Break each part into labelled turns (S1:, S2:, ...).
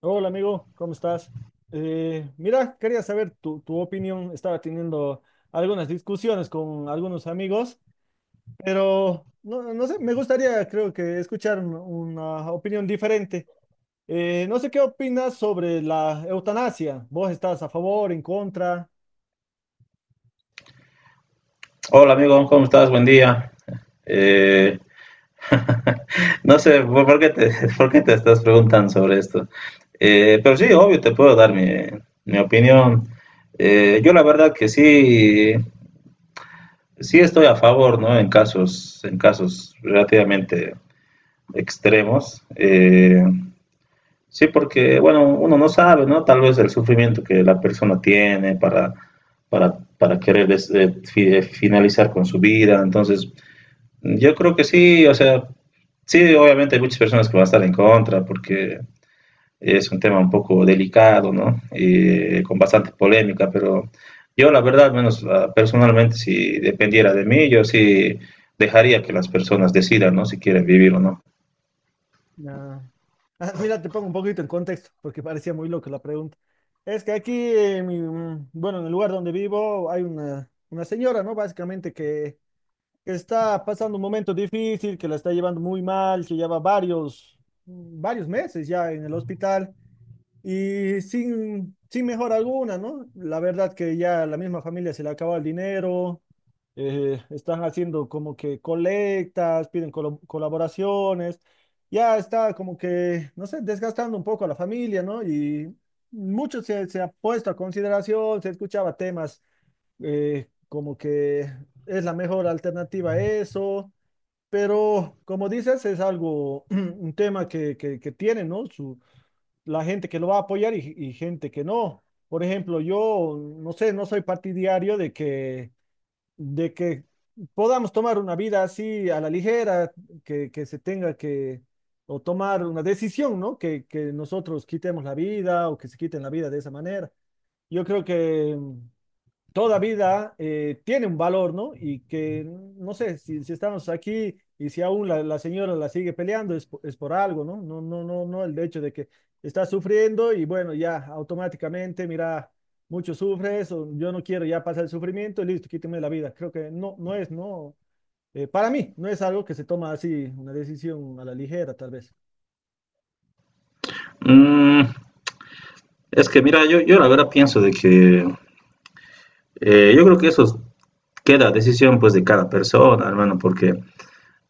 S1: Hola amigo, ¿cómo estás? Mira, quería saber tu opinión. Estaba teniendo algunas discusiones con algunos amigos, pero no, no sé, me gustaría creo que escuchar una opinión diferente. No sé qué opinas sobre la eutanasia. ¿Vos estás a favor, en contra?
S2: Hola amigo, ¿cómo estás? Buen día. Eh, no sé por qué te estás preguntando sobre esto. Pero sí, obvio, te puedo dar mi opinión. Yo la verdad que sí, sí estoy a favor, ¿no? En en casos relativamente extremos. Sí, porque, bueno, uno no sabe, ¿no? Tal vez el sufrimiento que la persona tiene para querer finalizar con su vida. Entonces, yo creo que sí, o sea, sí, obviamente hay muchas personas que van a estar en contra porque es un tema un poco delicado, ¿no? Y con bastante polémica, pero yo la verdad, al menos personalmente, si dependiera de mí, yo sí dejaría que las personas decidan, ¿no? Si quieren vivir o no.
S1: Ah, ah, mira, te pongo un poquito en contexto porque parecía muy loca la pregunta. Es que aquí, en bueno, en el lugar donde vivo hay una señora, ¿no? Básicamente que está pasando un momento difícil, que la está llevando muy mal, que lleva varios, varios meses ya en el hospital y sin, sin mejora alguna, ¿no? La verdad que ya la misma familia se le acaba el dinero. Están haciendo como que colectas, piden colaboraciones, ya está como que, no sé, desgastando un poco a la familia, ¿no? Y mucho se ha puesto a consideración, se escuchaba temas como que es la mejor alternativa a eso, pero como dices, es algo, un tema que tiene, ¿no? Su, la gente que lo va a apoyar y gente que no. Por ejemplo, yo, no sé, no soy partidario de que podamos tomar una vida así a la ligera, que se tenga que, o tomar una decisión, ¿no? Que nosotros quitemos la vida o que se quiten la vida de esa manera. Yo creo que toda vida tiene un valor, ¿no? Y que no sé si, si estamos aquí, y si aún la señora la sigue peleando es, es por algo, ¿no? El hecho de que está sufriendo y bueno, ya automáticamente, mira, mucho sufres, o yo no quiero ya pasar el sufrimiento y listo, quítame la vida. Creo que no, para mí, no es algo que se toma así, una decisión a la ligera, tal vez.
S2: Mm, es que mira, yo la verdad pienso de que yo creo que eso queda a decisión pues de cada persona, hermano, porque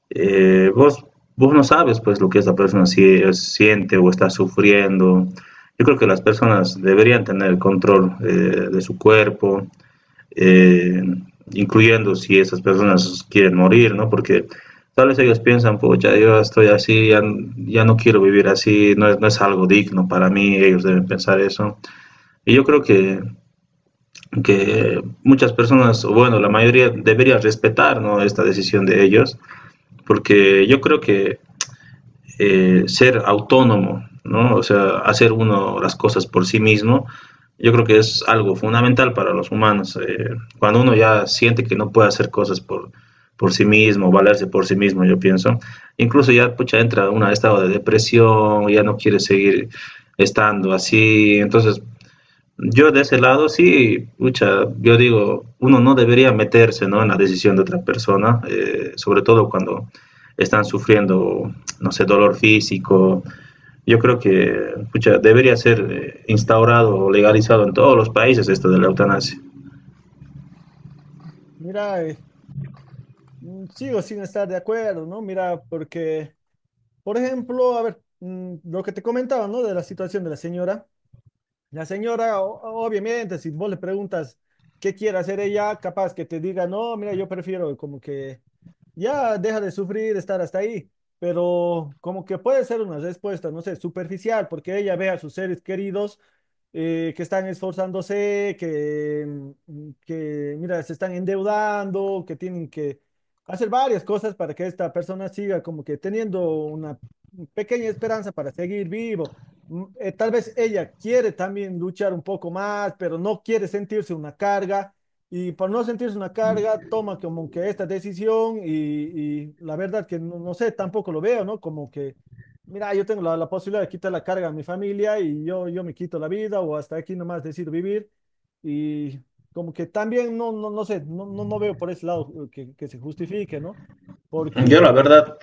S2: eh, vos, vos no sabes pues lo que esa persona si, siente o está sufriendo. Yo creo que las personas deberían tener el control de su cuerpo, eh, incluyendo si esas personas quieren morir, ¿no? Porque tal vez ellos piensan, pucha, yo estoy así, ya no quiero vivir así, no es algo digno para mí, ellos deben pensar eso. Y yo creo que muchas personas, bueno, la mayoría debería respetar, ¿no?, esta decisión de ellos, porque yo creo que ser autónomo, ¿no? O sea, hacer uno las cosas por sí mismo, yo creo que es algo fundamental para los humanos. Cuando uno ya siente que no puede hacer cosas por sí mismo, valerse por sí mismo, yo pienso, incluso ya pucha, entra en un estado de depresión, ya no quiere seguir estando así, entonces yo de ese lado sí, pucha, yo digo, uno no debería meterse, ¿no?, en la decisión de otra persona, sobre todo cuando están sufriendo, no sé, dolor físico. Yo creo que pucha, debería ser instaurado o legalizado en todos los países esto de la eutanasia.
S1: Mira, sigo sin estar de acuerdo, ¿no? Mira, porque... Por ejemplo, a ver, lo que te comentaba, ¿no? De la situación de la señora. La señora, obviamente, si vos le preguntas qué quiere hacer ella, capaz que te diga, no, mira, yo prefiero como que ya deja de sufrir, estar hasta ahí. Pero como que puede ser una respuesta, no sé, superficial, porque ella ve a sus seres queridos que están esforzándose, mira, se están endeudando, que tienen que hacer varias cosas para que esta persona siga como que teniendo una pequeña esperanza para seguir vivo. Tal vez ella quiere también luchar un poco más, pero no quiere sentirse una carga, y por no sentirse una carga toma como que esta decisión, y la verdad que no, no sé, tampoco lo veo, ¿no? Como que, mira, yo tengo la posibilidad de quitar la carga a mi familia, y yo me quito la vida o hasta aquí nomás decido vivir, y como que también no sé, no veo por ese lado que se justifique, ¿no?
S2: Yo la
S1: Porque
S2: verdad,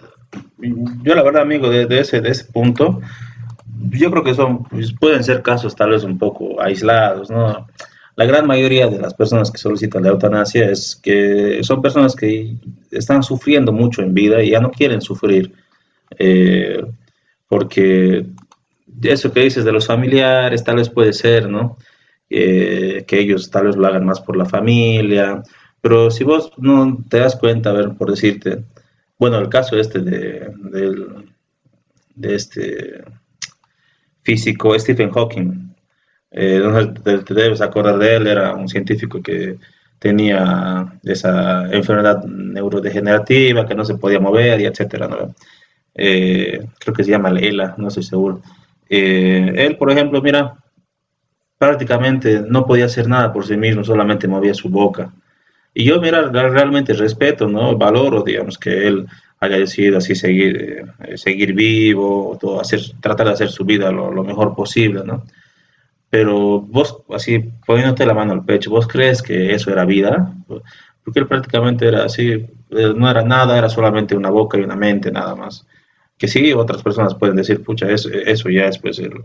S2: yo la verdad, amigo, de ese punto, yo creo que son, pues, pueden ser casos tal vez un poco aislados, ¿no? La gran mayoría de las personas que solicitan la eutanasia es que son personas que están sufriendo mucho en vida y ya no quieren sufrir. eh, Porque eso que dices de los familiares tal vez puede ser, ¿no? Que ellos tal vez lo hagan más por la familia, pero si vos no te das cuenta, a ver, por decirte, bueno, el caso este de este físico Stephen Hawking. No te, te debes acordar de él, era un científico que tenía esa enfermedad neurodegenerativa que no se podía mover y etcétera, ¿no? Creo que se llama Leila, no estoy seguro. Él, por ejemplo, mira, prácticamente no podía hacer nada por sí mismo, solamente movía su boca. Y yo, mira, realmente respeto, ¿no? Valoro, digamos, que él haya decidido así seguir vivo, todo, hacer, tratar de hacer su vida lo mejor posible, ¿no? Pero vos, así poniéndote la mano al pecho, ¿vos crees que eso era vida? Porque él prácticamente era así, no era nada, era solamente una boca y una mente nada más. Que sí, otras personas pueden decir, pucha, eso ya es, pues,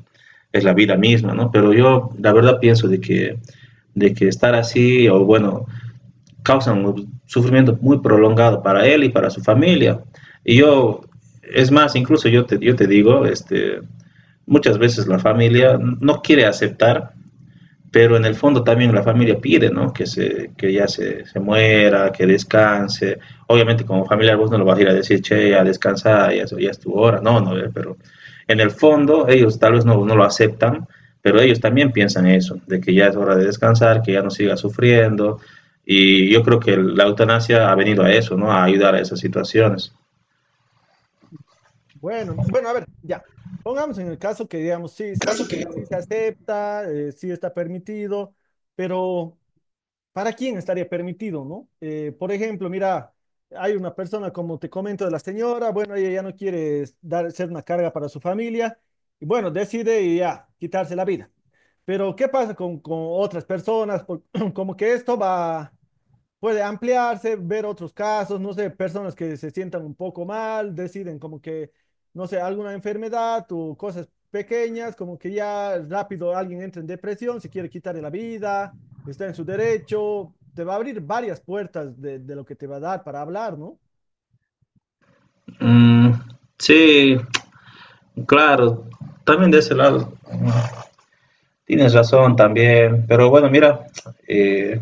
S2: es la vida misma, ¿no? Pero yo la verdad pienso de que estar así, o bueno, causan un sufrimiento muy prolongado para él y para su familia. Y yo, es más, incluso yo te digo, este, muchas veces la familia no quiere aceptar pero en el fondo también la familia pide, ¿no? Que ya se muera, que descanse. Obviamente como familiar vos no lo vas a ir a decir, che, ya descansa, ya, ya es tu hora, no, no, pero en el fondo ellos tal vez no lo aceptan, pero ellos también piensan eso, de que ya es hora de descansar, que ya no siga sufriendo, y yo creo que la eutanasia ha venido a eso, ¿no? A ayudar a esas situaciones.
S1: bueno, bueno, a ver, ya. Pongamos en el caso que digamos, sí, sí, sí, sí se acepta, sí está permitido, pero ¿para quién estaría permitido, no? Por ejemplo, mira, hay una persona, como te comento, de la señora, bueno, ella ya no quiere dar, ser una carga para su familia, y bueno, decide y ya, quitarse la vida. Pero ¿qué pasa con otras personas? Como que esto va puede ampliarse, ver otros casos, no sé, personas que se sientan un poco mal, deciden como que, no sé, alguna enfermedad o cosas pequeñas, como que ya rápido alguien entra en depresión, se quiere quitar de la vida, está en su derecho, te va a abrir varias puertas de lo que te va a dar para hablar, ¿no?
S2: Mm, sí, claro, también de ese lado. Tienes razón también, pero bueno, mira, eh,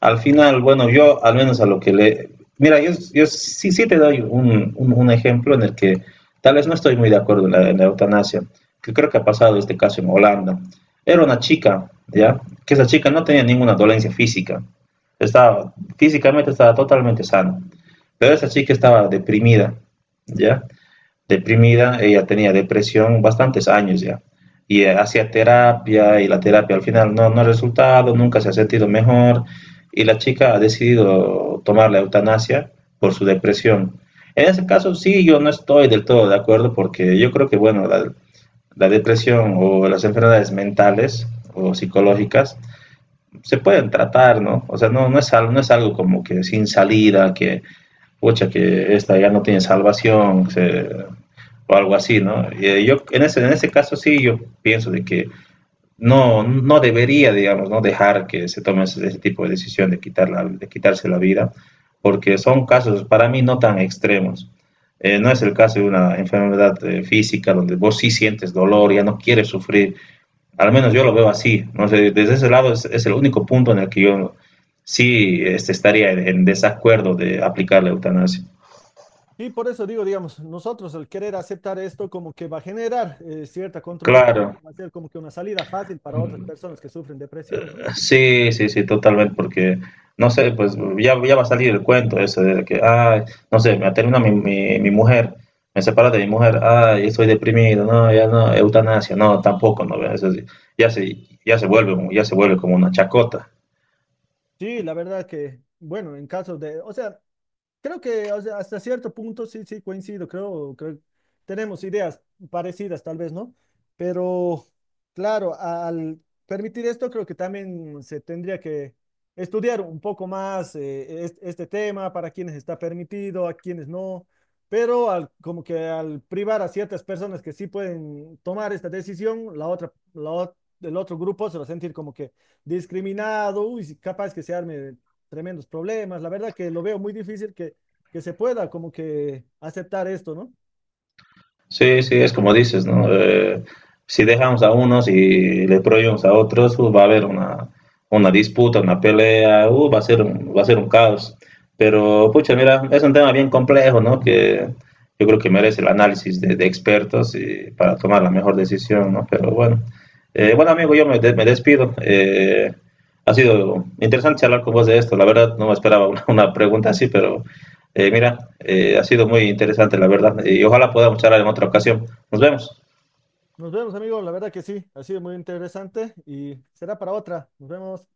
S2: al final, bueno, yo al menos a lo que le... Mira, sí te doy un ejemplo en el que tal vez no estoy muy de acuerdo en eutanasia, que creo que ha pasado este caso en Holanda. Era una chica, ¿ya? Que esa chica no tenía ninguna dolencia física. Estaba, físicamente estaba totalmente sana, pero esa chica estaba deprimida, ¿ya? Deprimida, ella tenía depresión bastantes años ya. Y hacía terapia y la terapia al final no ha resultado, nunca se ha sentido mejor y la chica ha decidido tomar la eutanasia por su depresión. En ese caso sí, yo no estoy del todo de acuerdo porque yo creo que, bueno, la depresión o las enfermedades mentales o psicológicas se pueden tratar, ¿no? O sea, no es algo como que sin salida, que pucha, que esta ya no tiene salvación, se, o algo así, ¿no? Yo en en ese caso sí, yo pienso de que no, no debería, digamos, no dejar que se tome ese tipo de decisión de, de quitarse la vida, porque son casos para mí no tan extremos. No es el caso de una enfermedad física donde vos sí sientes dolor, ya no quieres sufrir. Al menos yo lo veo así, ¿no? Sé, desde ese lado es el único punto en el que yo estaría en desacuerdo de aplicar la eutanasia.
S1: Y por eso digo, digamos, nosotros al querer aceptar esto como que va a generar cierta controversia,
S2: Claro,
S1: va a ser como que una salida fácil para otras
S2: mm,
S1: personas que sufren depresión, ¿no?
S2: sí, sí, sí, totalmente, porque, no sé, pues ya, ya va a salir el cuento ese de que, ah, no sé, me termina mi mujer, me separa de mi mujer, ay, estoy deprimido, no, ya no, eutanasia, no, tampoco, no, ve, eso sí, ya se, ya se vuelve, ya se vuelve como una chacota.
S1: Sí, la verdad que, bueno, en caso de, o sea, creo que o sea, hasta cierto punto sí, sí, coincido. Creo que tenemos ideas parecidas, tal vez, ¿no? Pero, claro, al permitir esto, creo que también se tendría que estudiar un poco más este tema, para quienes está permitido, a quienes no. Pero al, como que al privar a ciertas personas que sí pueden tomar esta decisión, la otra, la, ot- el otro grupo se va a sentir como que discriminado. Uy, si capaz que se arme tremendos problemas. La verdad que lo veo muy difícil que se pueda como que aceptar esto, ¿no?
S2: Sí, sí, es como dices, ¿no? Si dejamos a unos y le prohibimos a otros, va a haber una disputa, una pelea, va a ser va a ser un caos. Pero, pucha, mira, es un tema bien complejo, ¿no? Que yo creo que merece el análisis de expertos y para tomar la mejor decisión, ¿no? Pero bueno, bueno, amigo, me despido. Ha sido interesante charlar con vos de esto. La verdad, no me esperaba una pregunta así, pero ha sido muy interesante, la verdad, y ojalá podamos charlar en otra ocasión. Nos vemos.
S1: Nos vemos, amigos. La verdad que sí, ha sido muy interesante y será para otra. Nos vemos.